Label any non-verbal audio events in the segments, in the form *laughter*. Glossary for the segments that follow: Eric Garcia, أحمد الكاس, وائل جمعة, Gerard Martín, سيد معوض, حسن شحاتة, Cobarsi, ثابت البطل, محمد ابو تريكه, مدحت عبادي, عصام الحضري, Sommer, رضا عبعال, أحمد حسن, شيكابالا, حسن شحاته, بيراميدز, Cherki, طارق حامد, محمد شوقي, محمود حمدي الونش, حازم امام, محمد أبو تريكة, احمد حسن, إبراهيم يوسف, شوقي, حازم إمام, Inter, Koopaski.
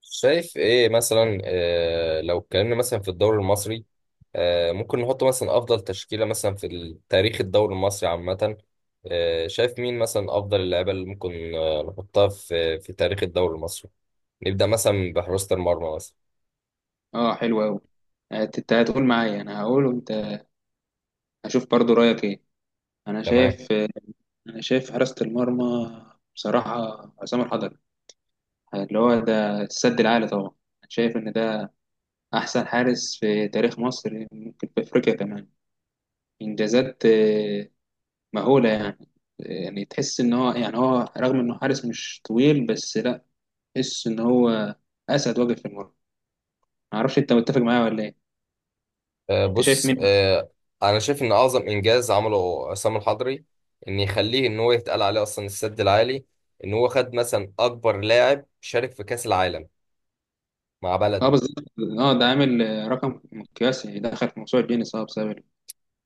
شايف ايه مثلا لو اتكلمنا مثلا في الدوري المصري. ممكن نحط مثلا افضل تشكيلة مثلا في تاريخ الدوري المصري عامة. شايف مين مثلا افضل اللعيبة اللي ممكن نحطها في تاريخ الدوري المصري. نبدأ مثلا بحراسة المرمى مثلا. اه، حلو قوي. انت هتقول معايا، انا هقول وانت، هشوف برضو رايك ايه. انا تمام. شايف انا شايف حراسة المرمى بصراحة، عصام الحضري، اللي هو ده السد العالي. طبعا انا شايف ان ده احسن حارس في تاريخ مصر، ممكن في افريقيا كمان. انجازات مهولة يعني. يعني تحس ان هو رغم انه حارس مش طويل، بس لا، تحس ان هو اسد واقف في المرمى. معرفش انت متفق معايا ولا ايه. آه، انت شايف بص مين؟ آه، انا شايف ان اعظم انجاز عمله عصام الحضري ان يخليه ان هو يتقال عليه اصلا السد العالي، ان هو خد مثلا اكبر لاعب شارك في كأس العالم مع اه، بلده. بالظبط. اه، ده عامل رقم قياسي، دخل في موسوعة جينيس اه بسبب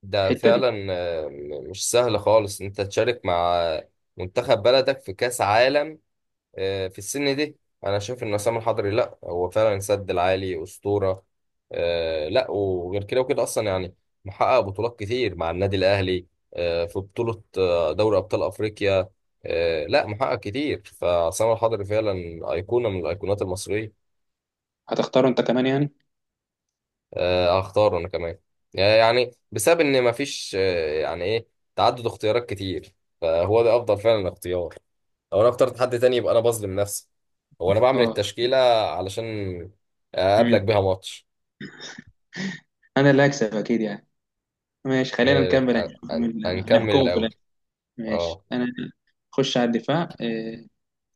ده الحتة دي. فعلا مش سهل خالص إن انت تشارك مع منتخب بلدك في كاس عالم في السن دي. انا شايف ان عصام الحضري لا هو فعلا سد العالي اسطوره. لا وغير كده وكده اصلا يعني محقق بطولات كتير مع النادي الاهلي، في بطوله دوري ابطال افريقيا. لا محقق كتير، فعصام الحضري فعلا ايقونه من الايقونات المصريه. هتختاره انت كمان يعني؟ هختاره انا كمان، يعني بسبب ان مفيش يعني ايه تعدد اختيارات كتير، فهو ده افضل فعلا اختيار. لو انا اخترت حد تاني يبقى انا بظلم نفسي. هو انا بعمل اه. التشكيلة علشان اقابلك امم بيها ماتش. انا اللي هكسب اكيد يعني. ماشي، خلينا نكمل، هنشوف مين هنكمل هنحكمه في الاول. الاخر. ماشي، اه. انا اخش على الدفاع.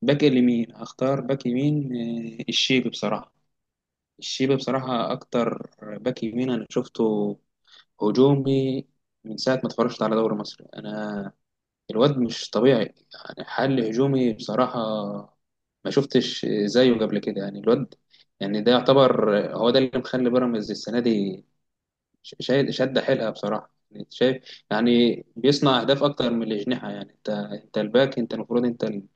باك اليمين، هختار باك يمين الشيبي بصراحة. الشيبي بصراحة اكتر باك يمين انا شفته هجومي من ساعة ما اتفرجت على دوري مصر. انا الواد مش طبيعي يعني، حل هجومي بصراحة. ما شفتش زيه قبل كده يعني. الواد يعني ده يعتبر هو ده اللي مخلي بيراميدز السنة دي شايل شادة حيلها بصراحة يعني. أنت شايف يعني بيصنع أهداف أكتر من الأجنحة يعني. أنت الباك، أنت المفروض أنت ال-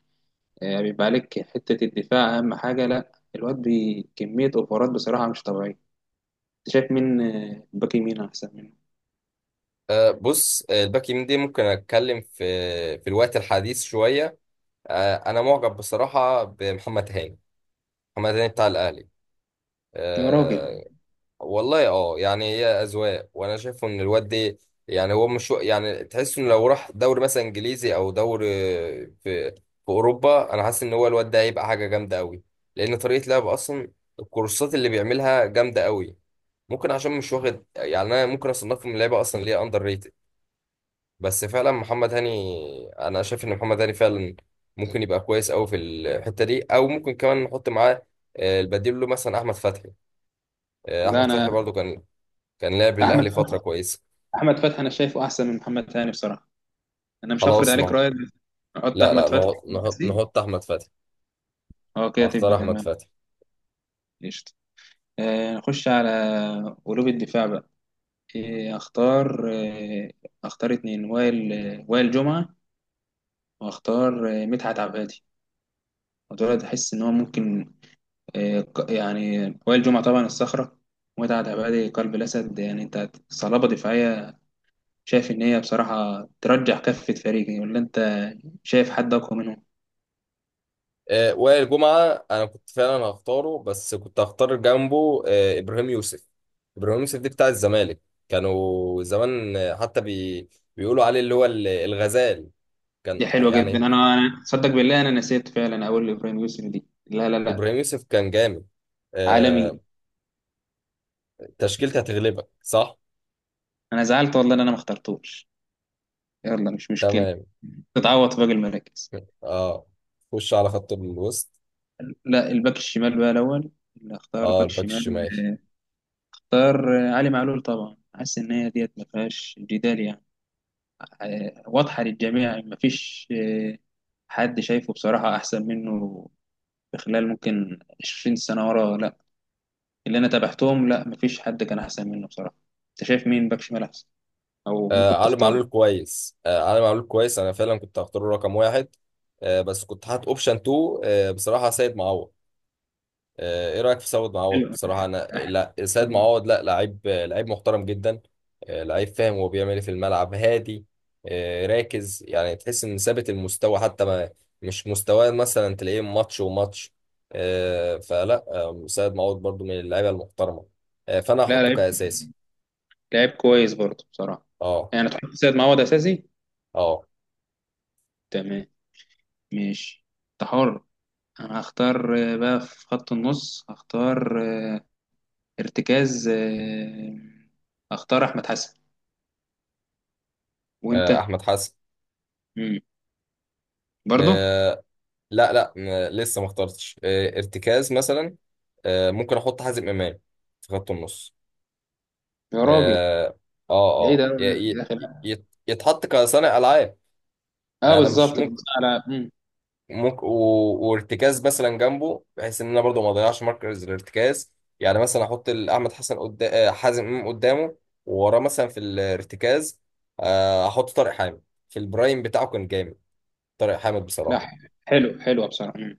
آه، بيبقى عليك حتة الدفاع أهم حاجة. لا، الواد كمية أوفرات بصراحة مش طبيعية. أنت شايف مين باك يمين أحسن منه؟ آه، بص آه، الباك يمين دي ممكن اتكلم في الوقت الحديث شوية. انا معجب بصراحة بمحمد هاني. محمد هاني بتاع الاهلي. يا راجل. آه، والله اه، يعني هي اذواق، وانا شايفه ان الواد ده يعني هو مش، يعني تحس انه لو راح دوري مثلا انجليزي او دوري في اوروبا، انا حاسس ان هو الواد ده هيبقى حاجه جامده قوي، لان طريقه لعبه اصلا الكورسات اللي بيعملها جامده قوي. ممكن عشان مش واخد، يعني انا ممكن اصنفه من لعيبه اصلا ليه اندر ريتد، بس فعلا محمد هاني، انا شايف ان محمد هاني فعلا ممكن يبقى كويس قوي في الحته دي. او ممكن كمان نحط معاه البديل له مثلا احمد فتحي. احمد ده فتحي أنا، برضو كان، كان لعب للاهلي أحمد فتره فتحي- كويسه. أحمد فتحي أنا شايفه أحسن من محمد هاني بصراحة. انا مش هفرض خلاص عليك نه، رأيي، بس نحط لا لا، احمد فتحي نهض في نهض، الأساسي. نهضت احمد فتحي. اه، كده هختار تبقى احمد تمام. فتحي. قشطة. نخش على قلوب الدفاع بقى. إيه اختار؟ اختار اتنين، وائل وائل جمعة، واختار مدحت عبادي. ودول احس ان هو ممكن يعني وائل جمعة طبعا الصخرة، ومدحت عبادي قلب الاسد. يعني انت صلابة دفاعية، شايف ان هي بصراحة ترجح كفة فريقي، ولا انت شايف حد اقوى منهم؟ آه وائل جمعه انا كنت فعلا هختاره، بس كنت هختار جنبه آه ابراهيم يوسف. ابراهيم يوسف دي بتاع الزمالك، كانوا زمان حتى بيقولوا عليه اللي هو الغزال. كان دي حلوه جدا. يعني انا صدق بالله انا نسيت فعلا اقول لابراهيم يسري دي. لا لا لا، ابراهيم يوسف كان جامد. عالمي. آه تشكيلتي هتغلبك صح. انا زعلت والله ان انا ما اخترتوش. يلا، مش مشكله، تمام. تتعوض في باقي المراكز. اه. خش على خط الوسط. لا، الباك الشمال بقى الاول. اللي اختار اه باك الباك شمال، الشمال. اختار علي معلول طبعا. حاسس ان هي ديت ما فيهاش جدال يعني. واضحه للجميع، ما فيش حد شايفه بصراحه احسن منه في خلال ممكن 20 سنه ورا. لا اللي انا تابعتهم، لا، ما فيش حد كان احسن منه بصراحه. انت شايف مين باك شمال احسن، او آه ممكن علي تختار؟ معلول كويس، آه علي معلول كويس. انا فعلا كنت هختاره رقم واحد، آه بس كنت حاطط اوبشن 2. آه بصراحه سيد معوض. آه ايه رايك في سيد معوض؟ حلو. بصراحه انا، لا سيد معوض لا، لعيب لعيب محترم جدا، آه لعيب فاهم هو بيعمل ايه في الملعب، هادي، آه راكز، يعني تحس ان ثابت المستوى حتى ما، مش مستواه مثلا تلاقيه ماتش وماتش. آه فلا، آه سيد معوض برضو من اللعيبه المحترمه، آه فانا لا، هحطه لعيب، كاساسي. لعيب كويس برضه بصراحه. اه. يعني تحط سيد معوض اساسي؟ اه. تمام، ماشي، انت حر. انا هختار بقى في خط النص، هختار آه، ارتكاز آه، هختار احمد حسن. وانت؟ احمد حسن. مم. برضه؟ آه، لا لا م- لسه ما اخترتش ارتكاز مثلا. ممكن احط حازم امام في خط النص. يا راجل، اه. اه. بعيد آه. أوي عن- ي- يا اخي لا. يتحط كصانع العاب. اه انا مش بالظبط، كنت ممكن، على ممكن وارتكاز مثلا جنبه بحيث ان انا برضو ما اضيعش مركز الارتكاز. يعني مثلا احط احمد حسن قدام، حازم امام قدامه، ووراه مثلا في الارتكاز احط طارق حامد. في البرايم بتاعه كان جامد طارق حامد لا، بصراحة. حلو حلو بصراحه.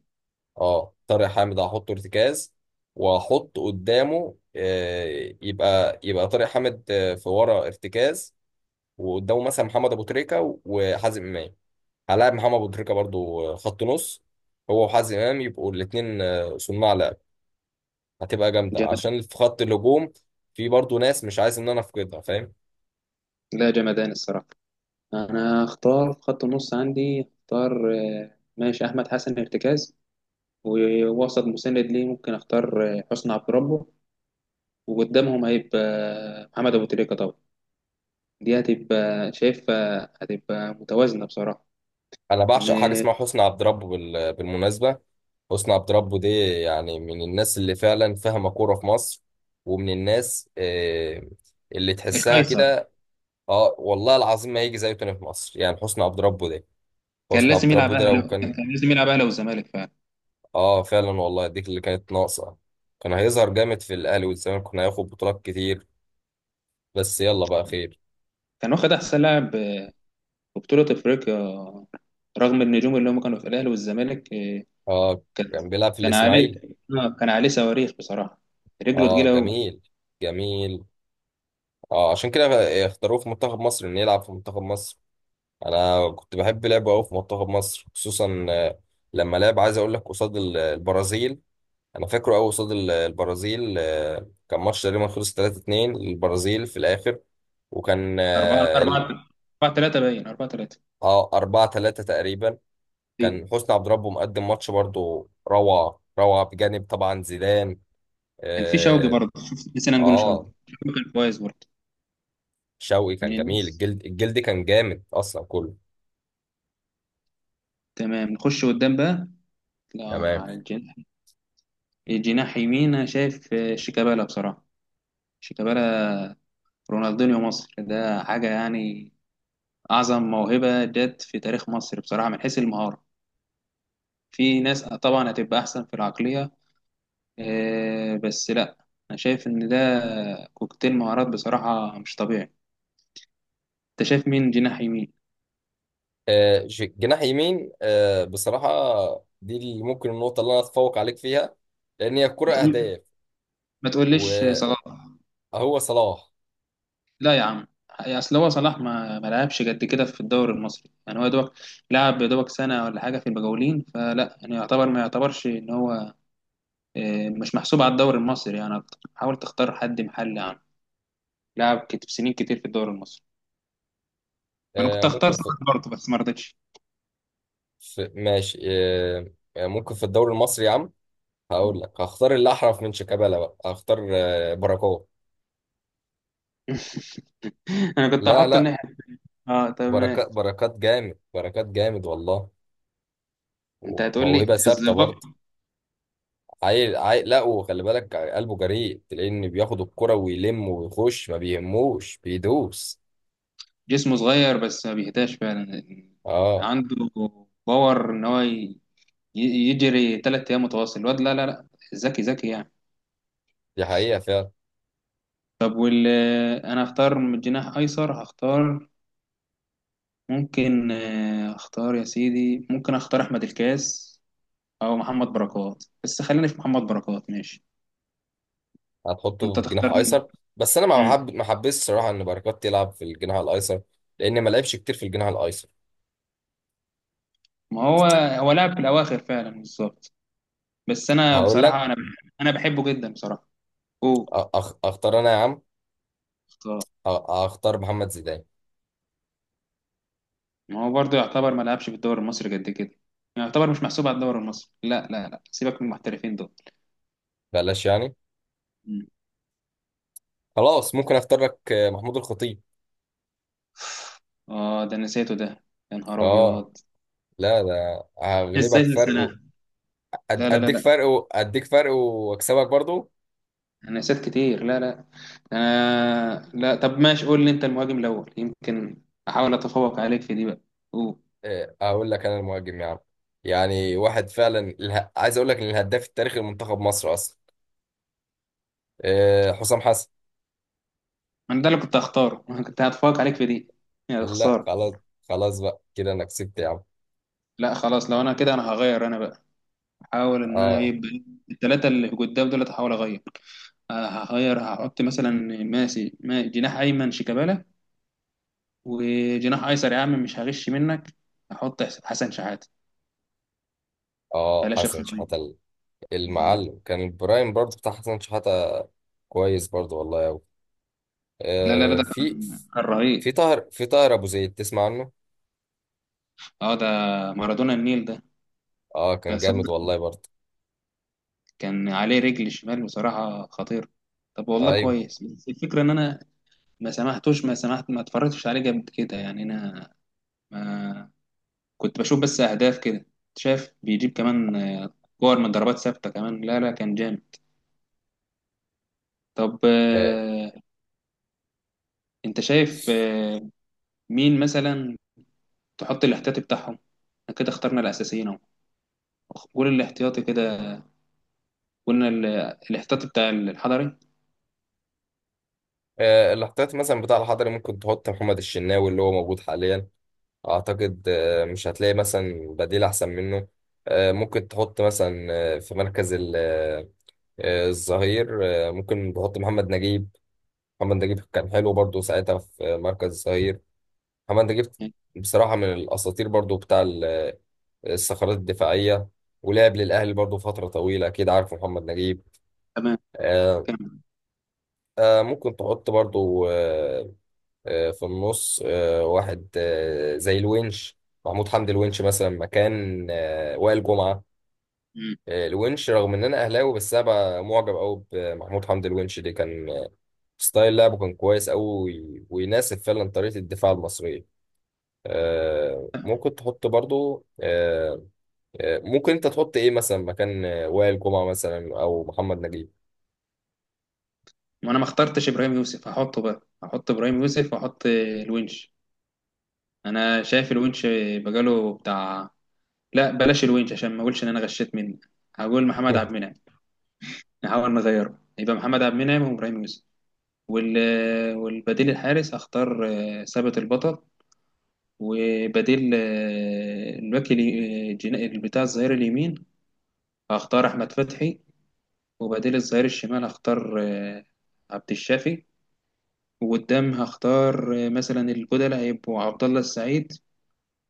اه طارق حامد هحطه ارتكاز، واحط قدامه، يبقى طارق حامد في ورا ارتكاز، وقدامه مثلا محمد ابو تريكه وحازم امام. هلاعب محمد ابو تريكه برضو خط نص، هو وحازم امام يبقوا الاثنين صناع لعب. هتبقى جامده، جمد. عشان في خط الهجوم في برضو ناس مش عايز ان انا افقدها، فاهم. لا، جمدان الصراحه. انا هختار في خط النص عندي، اختار ماشي احمد حسن ارتكاز، ووسط مساند ليه ممكن اختار حسني عبد ربه، وقدامهم هيبقى محمد ابو تريكة طبعا. دي هتبقى شايفها هتبقى متوازنه بصراحه. انا ان بعشق حاجه اسمها حسني عبد ربه بالمناسبه. حسني عبد ربه دي يعني من الناس اللي فعلا فاهمه كوره في مصر، ومن الناس اللي تحسها القيصر كده. اه والله العظيم ما هيجي زيه تاني في مصر، يعني حسني عبد ربه ده، كان حسني لازم عبد يلعب ربه ده لو اهلي، كان كان. كان لازم يلعب اهلي والزمالك فعلا. اه فعلا والله، دي اللي كانت ناقصه، كان هيظهر جامد في الاهلي والزمالك، كنا هياخد بطولات كتير. بس يلا بقى خير. كان واخد احسن لاعب في بطوله افريقيا رغم النجوم اللي هم كانوا في الاهلي والزمالك، إيه، اه كان كان بيلعب في كان عليه الاسماعيلي. آه، كان عليه صواريخ بصراحه، رجله اه تقيله قوي. جميل. جميل. اه عشان كده اختاروه في منتخب مصر، انه يلعب في منتخب مصر. انا كنت بحب لعبه قوي في منتخب مصر، خصوصا لما لعب، عايز اقول لك قصاد البرازيل. انا فاكره قوي قصاد البرازيل. كان ماتش تقريبا خلص 3-2 للبرازيل في الاخر، وكان 4 اه 4، 4 3، باين 4 3. 4-3 تقريبا. كان حسني عبد ربه مقدم ماتش برضو، روعه روعه، بجانب طبعا زيدان. كان في شوقي اه. برضه، شوف نسينا نقول شوقي. آه، شوقي كان كويس برضه، شوقي كان من جميل، الناس. الجلد، الجلد كان جامد اصلا كله. تمام، نخش قدام بقى. لا، تمام. على الجناح. الجناح يمين أنا شايف شيكابالا بصراحة. شيكابالا رونالدينيو مصر، ده حاجة يعني. أعظم موهبة جت في تاريخ مصر بصراحة من حيث المهارة. في ناس طبعا هتبقى أحسن في العقلية بس لا، أنا شايف إن ده كوكتيل مهارات بصراحة مش طبيعي. أنت شايف مين جناح يمين؟ جناح يمين بصراحة، دي اللي ممكن، النقطة اللي أنا أتفوق عليك فيها لأن هي الكرة ما تقول- أهداف. ما تقوليش وهو صلاح. صلاح. لا يا عم، يعني اصل هو صلاح ما لعبش قد كده في الدوري المصري يعني. هو يا دوبك لعب يا دوبك سنه ولا حاجه في المجاولين، فلا يعني يعتبر ما يعتبرش ان هو مش محسوب على الدوري المصري يعني أكتر. حاول تختار حد محلي عنه لعب سنين كتير في الدوري المصري. انا آه، كنت هختار ممكن في, صلاح برضه بس ما رضيتش. في ماشي ممكن في الدوري المصري يا عم، هقول مم. لك هختار اللي أحرف من شيكابالا. بقى هختار بركات. *laughs* انا كنت لا هحط لا، الناحيه. اه تمام. بركات بركات جامد، بركات جامد والله. انت هتقول لي وموهبة ثابتة برضه. الزباق. عيل عيل، لا وخلي بالك قلبه جريء، تلاقيه إن بياخد الكرة ويلم ويخش، ما بيهموش، بيدوس. جسمه صغير بس ما بيهداش فعلا، اه عنده باور ان هو يجري ثلاث ايام متواصل الواد. لا لا لا، ذكي ذكي يعني. دي حقيقة فعلا. طب انا هختار من الجناح ايسر، هختار ممكن اختار يا سيدي، ممكن اختار احمد الكاس او محمد بركات، بس خليني في محمد بركات ماشي. هتحطه انت في جناح تختار مين؟ أيسر؟ بس أنا ما مم. بحب، ما حبيتش الصراحة إن بركات يلعب في الجناح الأيسر، لأن ما لعبش كتير في الجناح الأيسر. ما هو، هو لعب في الاواخر فعلا بالظبط. بس انا هقول لك بصراحه انا بحبه جدا بصراحه. اوه، أختار أنا يا عم، اختار. أختار محمد زيدان. ما هو برضه يعتبر ما لعبش في الدوري المصري قد كده، يعتبر مش محسوب على الدوري المصري. لا لا لا، سيبك من المحترفين بلاش يعني. دول. خلاص ممكن أختار لك محمود الخطيب. اه، ده نسيته ده، يا نهار أه. ابيض. لا ده ازاي هغلبك فرق تنساه؟ لا لا لا أديك لا، فرق أديك فرق وأكسبك برضو. انا نسيت كتير، لا لا. انا لا، طب ماشي، قول لي انت المهاجم الاول، يمكن احاول اتفوق عليك في دي بقى. أوه. أقول لك أنا المهاجم يا عم. يعني واحد فعلا، عايز أقول لك إن الهداف التاريخي لمنتخب مصر أصلا حسام حسن. انا ده اللي كنت هختاره. *laughs* انا كنت هتفوق عليك في دي، يا لا خساره. خلاص. خلاص بقى كده انا كسبت يا عم. لا خلاص، لو انا كده انا هغير انا بقى، احاول ان انا اه. يبقى الثلاثه اللي قدام دول هحاول اغير. هغير، هحط مثلا ماسي ما جناح ايمن شيكابالا، وجناح ايسر يا عم مش هغش منك، هحط حسن شحاته، اه بلاش حسن الخطيه. شحاتة. مم. المعلم كان البرايم برضو بتاع حسن شحاتة، كويس برضو والله أوي. لا لا لا، آه ده في، كان، كان في رهيب. طاهر، في طاهر ابو زيد، تسمع عنه؟ اه ده مارادونا النيل ده. اه ده كان جامد صدق والله برضو. كان عليه رجل شمال بصراحة خطير. طب والله ايوه. كويس، بس الفكرة ان انا ما سمحتوش ما سمحت ما اتفرجتش عليه جامد كده يعني. انا ما كنت بشوف بس اهداف كده، شايف بيجيب كمان كور من ضربات ثابتة كمان. لا لا، كان جامد. طب آه. انت شايف مين مثلا تحط الاحتياطي بتاعهم؟ احنا كده اخترنا الاساسيين اهو، قول الاحتياطي كده. قلنا الاحتياطي بتاع الحضري. آه الاحتياط مثلا بتاع الحضري، ممكن تحط محمد الشناوي اللي هو موجود حاليا. اعتقد آه مش هتلاقي مثلا بديل احسن منه. آه ممكن تحط مثلا آه في مركز الظهير ممكن تحط محمد نجيب. محمد نجيب كان حلو برضو ساعتها في مركز الظهير. محمد نجيب يعني. بصراحة من الأساطير برضو بتاع الصخرات الدفاعية. ولعب للأهلي برضو فترة طويلة، أكيد عارف محمد نجيب. تمام، آه. كمل. آه ممكن تحط برضو آه، آه في النص آه واحد آه زي الونش. محمود حمدي الونش مثلا مكان آه وائل جمعة. مم. آه الونش، رغم إن أنا أهلاوي، بس أنا بقى معجب أوي بمحمود حمدي الونش دي، كان ستايل لعبه كان كويس أوي، ويناسب فعلا طريقة الدفاع المصرية. ممكن تحط برضو ممكن انت تحط ايه مثلا مكان وائل جمعة مثلا او محمد نجيب. وانا ما اخترتش ابراهيم يوسف، هحطه بقى، هحط ابراهيم يوسف واحط الونش. انا شايف الونش بقاله بتاع، لا بلاش الونش عشان ما اقولش ان انا غشيت منه، هقول محمد عبد *laughs* المنعم. نحاول نغيره، يبقى محمد عبد المنعم وابراهيم يوسف. وال... والبديل الحارس اختار ثابت البطل. وبديل بتاع الظهير اليمين هختار احمد فتحي. وبديل الظهير الشمال هختار عبد الشافي. وقدام هختار مثلا البودلة هيبقوا عبد الله السعيد،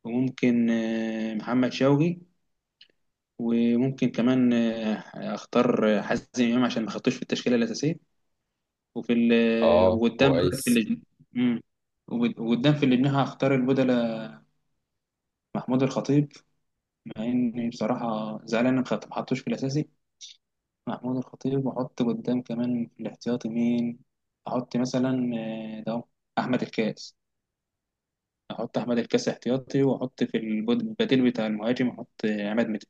وممكن محمد شوقي، وممكن كمان اختار حازم امام عشان ما خدتوش في التشكيله الاساسيه. وفي ال- آه، اه وقدام بقى في كويس. الجناح، وقدام في الجناح هختار البودلة محمود الخطيب، مع اني بصراحه زعلان إن ما حطوش في الاساسي، محمود الخطيب. واحط قدام كمان في الاحتياطي مين؟ احط مثلا ده أهو، احمد الكاس، احط احمد الكاس احتياطي، واحط في البديل بتاع المهاجم احط عماد متعب.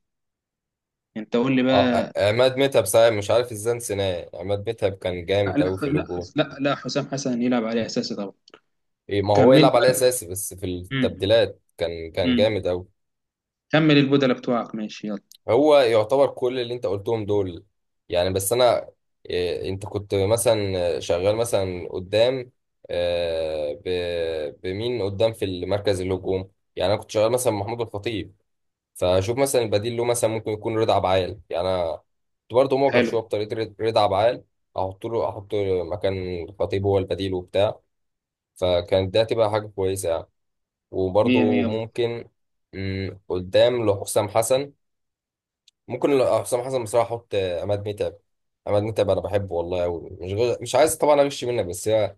انت قول لي اه بقى. عماد متعب، صحيح مش عارف ازاي نسيناه، عماد متعب كان لا جامد اوي في لا اللوجو. لا لا، حسام حسن يلعب عليه اساسي طبعا. ايه ما هو كمل لي يلعب على بقى. اساسي، بس في امم التبديلات كان، كان امم جامد اوي. كمل البدلة بتوعك ماشي، يلا. هو يعتبر كل اللي انت قلتهم دول يعني، بس انا إيه، انت كنت مثلا شغال مثلا قدام بمين قدام في المركز الهجوم؟ يعني انا كنت شغال مثلا محمود الخطيب، فشوف مثلا البديل له مثلا ممكن يكون رضا عبعال. يعني انا كنت برضه معجب حلو، شويه بطريقه رضا، عبعال. احط له، احط مكان الخطيب هو البديل وبتاع، فكانت ده تبقى حاجه كويسه يعني. مية وبرضه مية بقى. ممكن، مم، قدام لحسام حسن ممكن حسام حسن بصراحه احط عماد متعب. عماد متعب انا بحبه والله قوي، مش مش عايز طبعا اغش منك، بس هي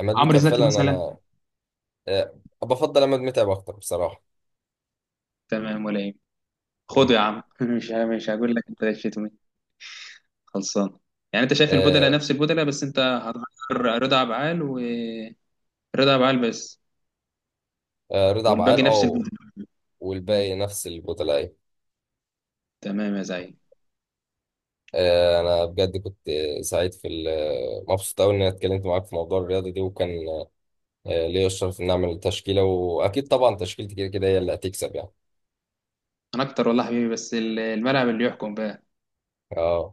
عماد عمرو متعب زكي فعلا مثلا؟ انا بفضل عماد متعب اكتر بصراحه. تمام، ولا ايه؟ مم. خده يا عم. *laughs* مش مش هقول لك انت ليش خلصان. يعني انت شايف البدلة آه، نفس البدلة، بس انت هتغير رضا عبعال، ورضا عبعال بس، رضا عبعال والباقي نفس اه. البدلة. مم. والباقي نفس البطلاء. تمام يا زعيم. انا بجد كنت سعيد في مبسوط قوي اني اتكلمت معاك في موضوع الرياضه دي، وكان ليا الشرف ان اعمل تشكيله، واكيد طبعا تشكيلتي كده كده هي اللي هتكسب يعني. انا اكتر والله حبيبي، بس الملعب اللي يحكم بقى. اه.